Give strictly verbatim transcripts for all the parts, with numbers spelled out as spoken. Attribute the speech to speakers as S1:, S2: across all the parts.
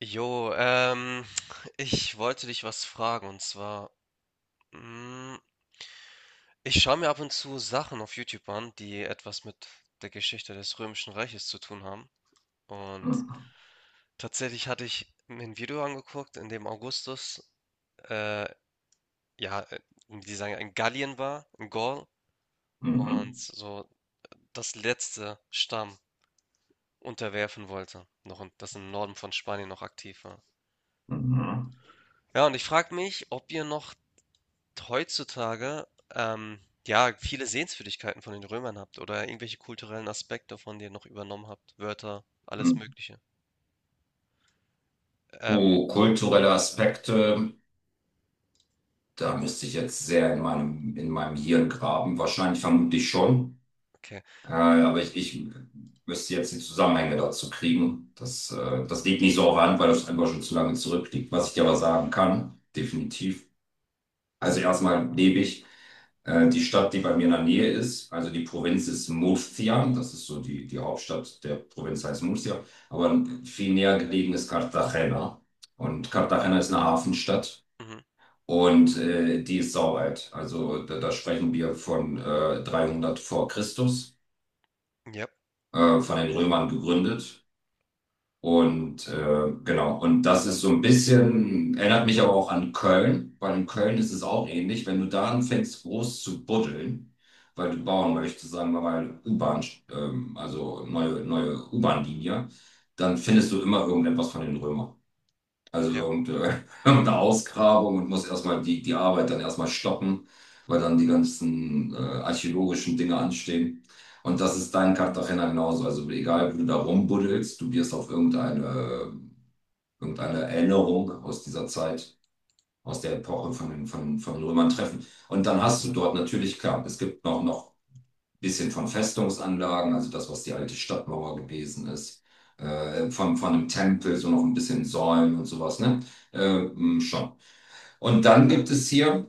S1: Jo, ähm, ich wollte dich was fragen, und zwar, mm, ich schaue mir ab und zu Sachen auf YouTube an, die etwas mit der Geschichte des Römischen Reiches zu tun haben. Und
S2: Mhm,
S1: tatsächlich hatte ich mir ein Video angeguckt, in dem Augustus, äh, ja, äh, die sagen, in Gallien war, in Gaul, und
S2: mhm,
S1: so das letzte Stamm unterwerfen wollte, noch in, das im Norden von Spanien noch aktiv war.
S2: mhm,
S1: Ja, und ich frage mich, ob ihr noch heutzutage, ähm, ja, viele Sehenswürdigkeiten von den Römern habt oder irgendwelche kulturellen Aspekte von denen noch übernommen habt, Wörter, alles
S2: mhm.
S1: Mögliche. Ähm,
S2: Oh, kulturelle Aspekte, da müsste ich jetzt sehr in meinem, in meinem Hirn graben. Wahrscheinlich vermutlich schon.
S1: okay.
S2: Äh, aber ich, ich müsste jetzt die Zusammenhänge dazu kriegen. Das, äh, das liegt nicht so auf der Hand, weil das einfach schon zu lange zurückliegt. Was ich dir aber sagen kann, definitiv. Also erstmal lebe ich äh, die Stadt, die bei mir in der Nähe ist. Also die Provinz ist Murcia. Das ist so die, die Hauptstadt der Provinz heißt Murcia. Aber viel näher gelegen ist Cartagena. Und Cartagena ist eine Hafenstadt.
S1: Mhm.
S2: Und äh, die ist saualt. Also da, da sprechen wir von äh, dreihundert vor Christus,
S1: Ja,
S2: äh, von den Römern gegründet. Und äh, genau, und das ist so ein bisschen, erinnert mich aber auch an Köln, weil in Köln ist es auch ähnlich, wenn du da anfängst, groß zu buddeln, weil du bauen möchtest, sagen wir mal, U-Bahn, ähm, also neue, neue U-Bahn-Linie, dann findest du immer irgendetwas von den Römern. Also
S1: ja.
S2: irgendeine irgendeine Ausgrabung und muss erstmal die, die Arbeit dann erstmal stoppen, weil dann die ganzen äh, archäologischen Dinge anstehen. Und das ist dein Cartagena genauso. Also egal, wo du da rumbuddelst, du wirst auf irgendeine, irgendeine Erinnerung aus dieser Zeit, aus der Epoche von den, von, von den Römern treffen. Und dann hast du dort natürlich, klar, es gibt noch, noch bisschen von Festungsanlagen, also das, was die alte Stadtmauer gewesen ist, äh, von, von einem Tempel, so noch ein bisschen Säulen und sowas, ne? Äh, mm, schon. Und dann gibt es hier,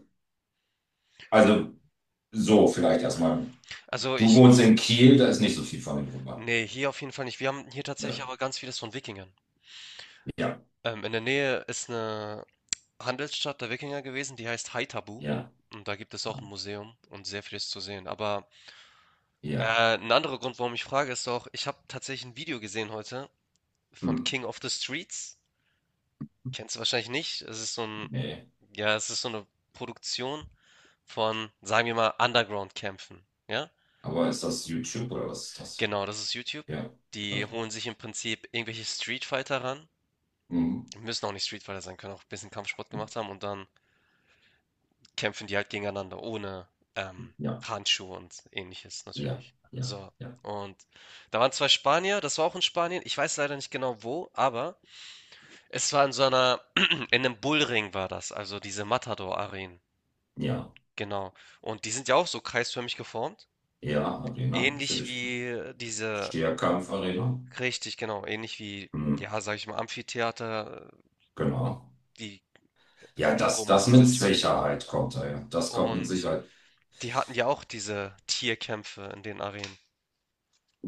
S2: also so vielleicht erstmal,
S1: Also
S2: du
S1: ich,
S2: wohnst in Kiel, da ist nicht so viel von den Römern.
S1: nee, hier auf jeden Fall nicht. Wir haben hier tatsächlich
S2: Ne?
S1: aber ganz vieles von Wikingern.
S2: Ja,
S1: Ähm, in der Nähe ist eine Handelsstadt der Wikinger gewesen, die heißt Haithabu.
S2: ja,
S1: Und da gibt es auch ein Museum und sehr vieles zu sehen. Aber
S2: ja.
S1: äh, ein anderer Grund, warum ich frage, ist auch, ich habe tatsächlich ein Video gesehen heute von
S2: Hm,
S1: King of the Streets. Kennst du wahrscheinlich nicht. Es ist so ein,
S2: nee.
S1: ja, es ist so eine Produktion von, sagen wir mal, Underground-Kämpfen. Ja?
S2: Aber ist das YouTube oder was ist das?
S1: Genau, das ist YouTube.
S2: Ja,
S1: Die
S2: okay.
S1: holen sich im Prinzip irgendwelche Street Fighter ran.
S2: Mhm.
S1: Müssen auch nicht Street Fighter sein, können auch ein bisschen Kampfsport gemacht haben, und dann kämpfen die halt gegeneinander ohne ähm,
S2: Ja,
S1: Handschuhe und Ähnliches
S2: ja,
S1: natürlich.
S2: ja,
S1: So.
S2: ja,
S1: Und da waren zwei Spanier, das war auch in Spanien. Ich weiß leider nicht genau wo, aber es war in so einer, in einem Bullring war das, also diese Matador-Arenen.
S2: ja,
S1: Genau. Und die sind ja auch so kreisförmig geformt.
S2: ja, Arena,
S1: Ähnlich
S2: natürlich.
S1: wie äh, diese,
S2: Stierkampf-Arena.
S1: richtig, genau, ähnlich wie,
S2: Mhm.
S1: ja, sag ich mal, Amphitheater,
S2: Genau.
S1: die
S2: Ja,
S1: in
S2: das,
S1: Rom auch
S2: das mit
S1: ansässig waren.
S2: Sicherheit kommt da, ja. Das kommt mit
S1: Und
S2: Sicherheit.
S1: die hatten ja auch diese Tierkämpfe in den Arenen.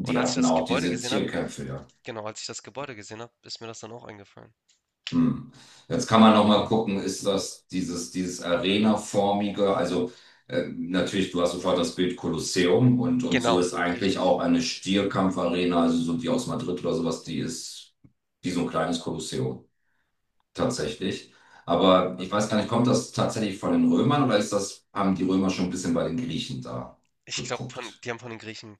S1: Und als ich
S2: hatten
S1: das
S2: auch
S1: Gebäude
S2: diese
S1: gesehen habe,
S2: Tierkämpfe, ja.
S1: genau, als ich das Gebäude gesehen habe, ist mir das dann auch eingefallen.
S2: Hm. Jetzt kann man noch mal gucken, ist das dieses, dieses Arena-formige, also äh, natürlich, du hast sofort das Bild Kolosseum und, und so
S1: Genau,
S2: ist eigentlich
S1: richtig.
S2: auch eine Stierkampfarena, also so die aus Madrid oder sowas, die ist wie so ein kleines Kolosseum, tatsächlich. Aber ich weiß gar nicht, kommt das tatsächlich von den Römern oder ist das, haben die Römer schon ein bisschen bei den Griechen da
S1: Ich glaube, von,
S2: geguckt?
S1: die haben von den Griechen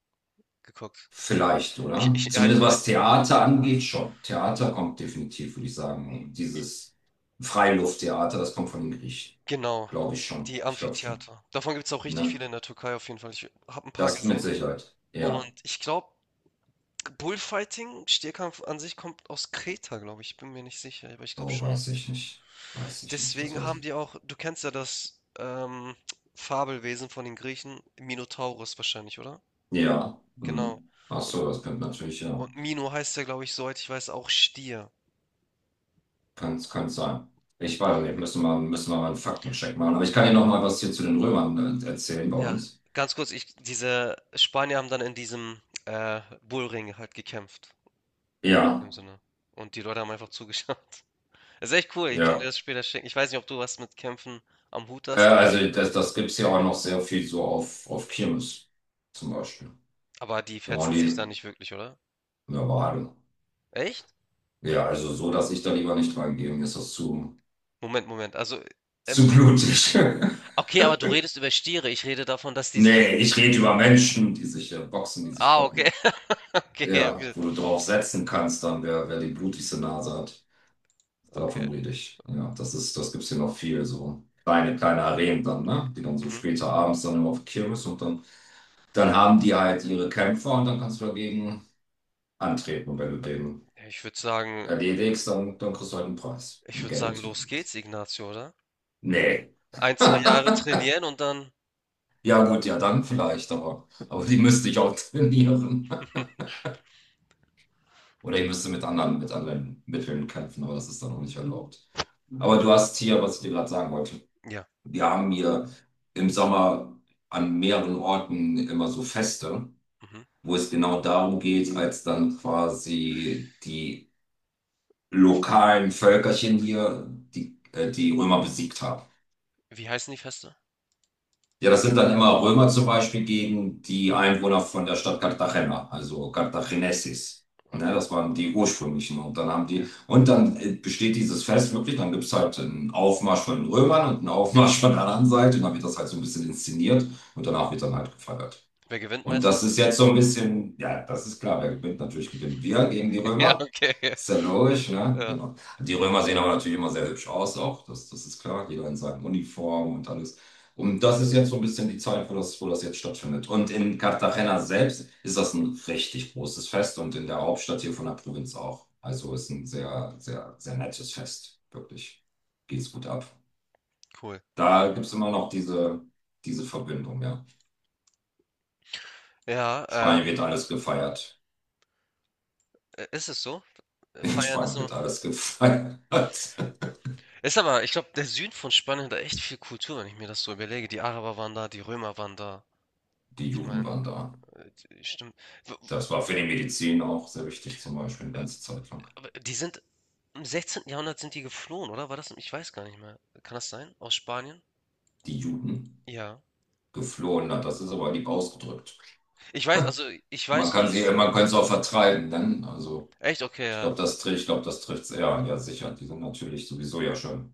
S1: geguckt.
S2: Vielleicht,
S1: Ich,
S2: oder?
S1: ich, ja, ich
S2: Zumindest
S1: meine,
S2: was Theater angeht, schon. Theater kommt definitiv, würde ich sagen. Dieses Freilufttheater, das kommt von den Griechen.
S1: genau,
S2: Glaube ich schon.
S1: die
S2: Ich glaube schon.
S1: Amphitheater. Davon gibt es auch richtig
S2: Ne?
S1: viele in der Türkei auf jeden Fall. Ich habe ein paar
S2: Das mit
S1: gesehen.
S2: Sicherheit.
S1: Und
S2: Ja.
S1: ich glaube, Bullfighting, Stierkampf an sich kommt aus Kreta, glaube ich. Ich bin mir nicht sicher, aber ich glaube
S2: Oh,
S1: schon.
S2: weiß ich nicht. Weiß ich nicht. Das
S1: Deswegen
S2: weiß
S1: haben
S2: ich.
S1: die auch, du kennst ja das ähm, Fabelwesen von den Griechen, Minotauros wahrscheinlich, oder?
S2: Ja. Hm.
S1: Genau.
S2: Ach
S1: Und,
S2: so, das könnte natürlich, ja.
S1: und Mino heißt ja, glaube ich, soweit ich weiß, auch Stier.
S2: Kann, kann sein. Ich weiß nicht. Müssen wir, müssen wir mal einen Faktencheck machen. Aber ich kann dir noch mal was hier zu den Römern äh, erzählen bei
S1: Ja,
S2: uns.
S1: ganz kurz, ich, diese Spanier haben dann in diesem äh, Bullring halt gekämpft,
S2: Ja.
S1: im Sinne. Und die Leute haben einfach zugeschaut. Das ist echt cool, ich kann dir
S2: Ja.
S1: das später schicken. Ich weiß nicht, ob du was mit Kämpfen am Hut
S2: Äh,
S1: hast, aber.
S2: also das, das gibt es ja auch noch sehr viel so auf, auf Kirmes zum Beispiel.
S1: Aber die
S2: Da waren
S1: fetzen sich
S2: die
S1: da nicht wirklich, oder?
S2: Normale.
S1: Echt?
S2: Ja, also so, dass ich da lieber nicht reingehe, mir ist das zu,
S1: Moment, Moment. Also, äh,
S2: zu
S1: mit,
S2: blutig.
S1: okay, aber du redest über Stiere. Ich rede davon, dass die sich halt.
S2: Nee, ich rede über Menschen, die sich äh, boxen, die sich
S1: Ah, okay,
S2: kloppen.
S1: okay, ja,
S2: Ja,
S1: gut.
S2: wo du drauf setzen kannst, dann wer, wer die blutigste Nase hat.
S1: Okay.
S2: Davon rede ich. Ja, das ist, das gibt's hier noch viel so. Kleine, kleine Arenen dann, ne? Die dann so
S1: Mhm.
S2: später abends dann immer auf die Kirmes und dann, dann haben die halt ihre Kämpfer und dann kannst du dagegen antreten, wenn du den
S1: Ja, ich würde sagen,
S2: Ja, die wenigsten dann, dann kriegst du halt einen interessanten Preis.
S1: ich
S2: Einen
S1: würde
S2: gelben
S1: sagen, los
S2: Zyklus.
S1: geht's, Ignacio, oder?
S2: Nee.
S1: Ein, zwei Jahre trainieren und dann.
S2: Ja, gut, ja, dann vielleicht, aber, aber die müsste ich auch trainieren. Oder ich müsste mit anderen, mit anderen Mitteln kämpfen, aber das ist dann auch nicht erlaubt. Aber du hast hier, was ich dir gerade sagen wollte.
S1: Ja.
S2: Wir haben hier im Sommer an mehreren Orten immer so Feste,
S1: Mhm.
S2: wo es genau darum geht, als dann quasi die
S1: W-
S2: lokalen Völkerchen hier, die, äh, die Römer besiegt haben.
S1: Wie heißen die Feste?
S2: Ja, das sind dann immer Römer zum Beispiel gegen die Einwohner von der Stadt Cartagena, also Cartagenesis. Ne,
S1: Okay,
S2: das waren die ursprünglichen. Und dann haben die,
S1: ja.
S2: und dann äh, besteht dieses Fest wirklich, dann gibt es halt einen Aufmarsch von den Römern und einen Aufmarsch von der anderen Seite. Und dann wird das halt so ein bisschen inszeniert und danach wird dann halt gefeiert.
S1: Wer gewinnt
S2: Und das
S1: meistens?
S2: ist jetzt so ein bisschen, ja, das ist klar, wer gewinnt, natürlich gewinnen wir gegen die
S1: Ja,
S2: Römer.
S1: okay. Ja,
S2: Ist ja logisch, ne?
S1: ja,
S2: Genau. Die Römer sehen aber natürlich immer sehr hübsch aus auch, das, das ist klar, jeder in seiner Uniform und alles. Und das ist jetzt so ein bisschen die Zeit, wo das, wo das jetzt stattfindet. Und in Cartagena selbst ist das ein richtig großes Fest und in der Hauptstadt hier von der Provinz auch. Also ist ein sehr, sehr, sehr nettes Fest, wirklich. Geht's gut ab.
S1: cool.
S2: Da gibt's immer noch diese, diese Verbindung, ja.
S1: Ja,
S2: Spanien
S1: ähm,
S2: wird alles gefeiert.
S1: äh, ist es so?
S2: In
S1: Feiern ist
S2: Spanien
S1: immer.
S2: wird alles gefeiert. Hat.
S1: Ist aber, ich glaube, der Süden von Spanien hat da echt viel Kultur, wenn ich mir das so überlege. Die Araber waren da, die Römer waren da.
S2: Die
S1: Ich
S2: Juden
S1: meine,
S2: waren da.
S1: stimmt. W-
S2: Das war für die Medizin auch sehr wichtig, zum Beispiel eine
S1: w- äh,
S2: ganze Zeit lang.
S1: aber die sind im sechzehnten. Jahrhundert sind die geflohen, oder? War das? Ich weiß gar nicht mehr. Kann das sein? Aus Spanien?
S2: Die Juden
S1: Ja.
S2: geflohen, hat, das ist aber lieb ausgedrückt.
S1: Ich weiß, also ich
S2: Man
S1: weiß nur,
S2: kann sie,
S1: dass die.
S2: man kann sie auch vertreiben, dann. Also,
S1: Echt? Okay,
S2: ich glaube,
S1: ja.
S2: das trifft, ich glaube, das trifft es eher. Ja, sicher. Die sind natürlich sowieso ja schon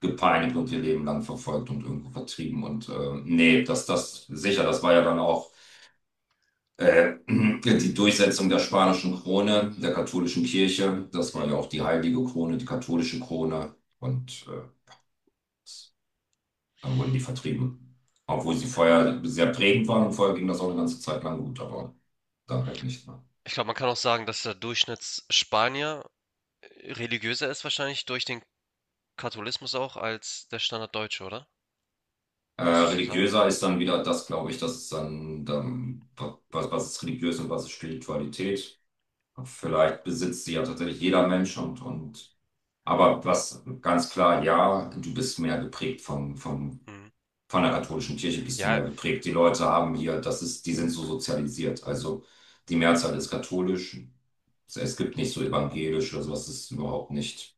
S2: gepeinigt und ihr Leben lang verfolgt und irgendwo vertrieben. Und äh, nee, das, das, sicher, das war ja dann auch äh, die Durchsetzung der spanischen Krone, der katholischen Kirche. Das war
S1: Mhm.
S2: ja auch die heilige Krone, die katholische Krone. Und äh, dann wurden die vertrieben. Obwohl sie vorher sehr prägend waren und vorher ging das auch eine ganze Zeit lang gut, aber dann halt nicht mehr.
S1: Ich glaube, man kann auch sagen, dass der Durchschnittsspanier äh, religiöser ist wahrscheinlich durch den Katholismus auch als der Standarddeutsche, oder?
S2: Äh,
S1: Würdest du so sagen?
S2: religiöser ist dann wieder das, glaube ich, das ist dann, dann was, was ist religiös und was ist Spiritualität. Vielleicht besitzt sie ja tatsächlich jeder Mensch und, und aber was ganz klar, ja, du bist mehr geprägt vom, vom
S1: Mhm.
S2: von der katholischen Kirche bist du
S1: Ja,
S2: mehr geprägt. Die Leute haben hier, das ist, die sind so sozialisiert. Also die Mehrzahl ist katholisch. Es es gibt nicht so evangelisch oder sowas, das ist überhaupt nicht.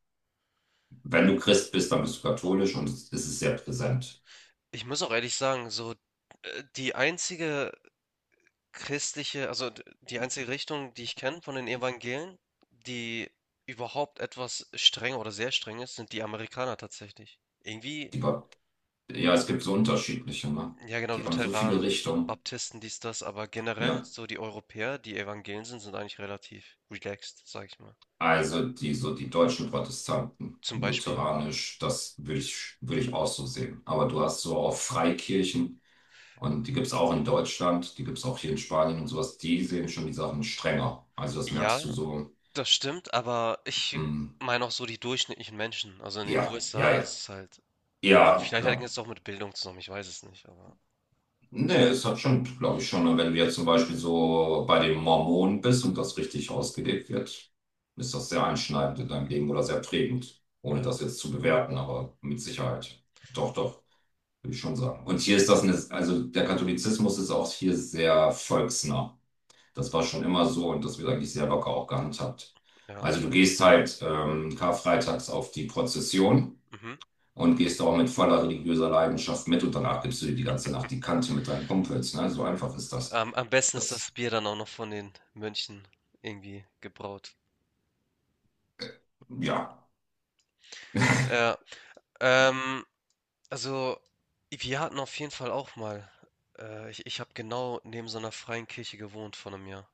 S2: Wenn du Christ bist, dann bist du katholisch und es es ist sehr präsent.
S1: ich muss auch ehrlich sagen, so, äh, die einzige christliche, also, d die einzige Richtung, die ich kenne von den Evangelien, die überhaupt etwas strenger oder sehr streng ist, sind die Amerikaner tatsächlich. Irgendwie
S2: Die, Ba- ja, es gibt so unterschiedliche, ne?
S1: ja genau,
S2: Die haben so viele
S1: Lutheranen,
S2: Richtungen.
S1: Baptisten, dies, das, aber generell
S2: Ja,
S1: so die Europäer, die Evangelien sind, sind eigentlich relativ relaxed, sage ich mal.
S2: also die, so die deutschen Protestanten,
S1: Zum Beispiel.
S2: lutheranisch, das würde ich, würde ich auch so sehen. Aber du hast so auch Freikirchen. Und die gibt es auch in Deutschland, die gibt es auch hier in Spanien und sowas. Die sehen schon die Sachen strenger. Also das merkst
S1: Ja,
S2: du so.
S1: das stimmt, aber ich
S2: mm,
S1: meine auch so die durchschnittlichen Menschen. Also, in den
S2: ja, ja,
S1: U S A
S2: ja.
S1: ist es halt
S2: Ja,
S1: vielleicht hängt
S2: klar.
S1: es auch mit Bildung zusammen, ich weiß es nicht, aber
S2: Nee, es hat schon, glaube ich, schon. Und wenn du jetzt zum Beispiel so bei den Mormonen bist und das richtig ausgelebt wird, ist das sehr einschneidend in deinem Leben oder sehr prägend. Ohne
S1: ja,
S2: das jetzt zu bewerten, aber mit Sicherheit. Doch, doch, würde ich schon sagen. Und hier ist das eine, also der Katholizismus ist auch hier sehr volksnah. Das war schon immer so und das wird eigentlich sehr locker auch gehandhabt.
S1: ja.
S2: Also du gehst halt ähm, karfreitags auf die Prozession
S1: Mhm.
S2: und gehst da auch mit voller religiöser Leidenschaft mit und danach gibst du dir die ganze Nacht die Kante mit deinen Kumpels. Ne? So einfach ist das.
S1: Am am besten ist das
S2: Das,
S1: Bier dann auch noch von den Mönchen irgendwie gebraut.
S2: ja.
S1: Ja, ähm, also wir hatten auf jeden Fall auch mal, äh, ich, ich habe genau neben so einer freien Kirche gewohnt vor einem Jahr.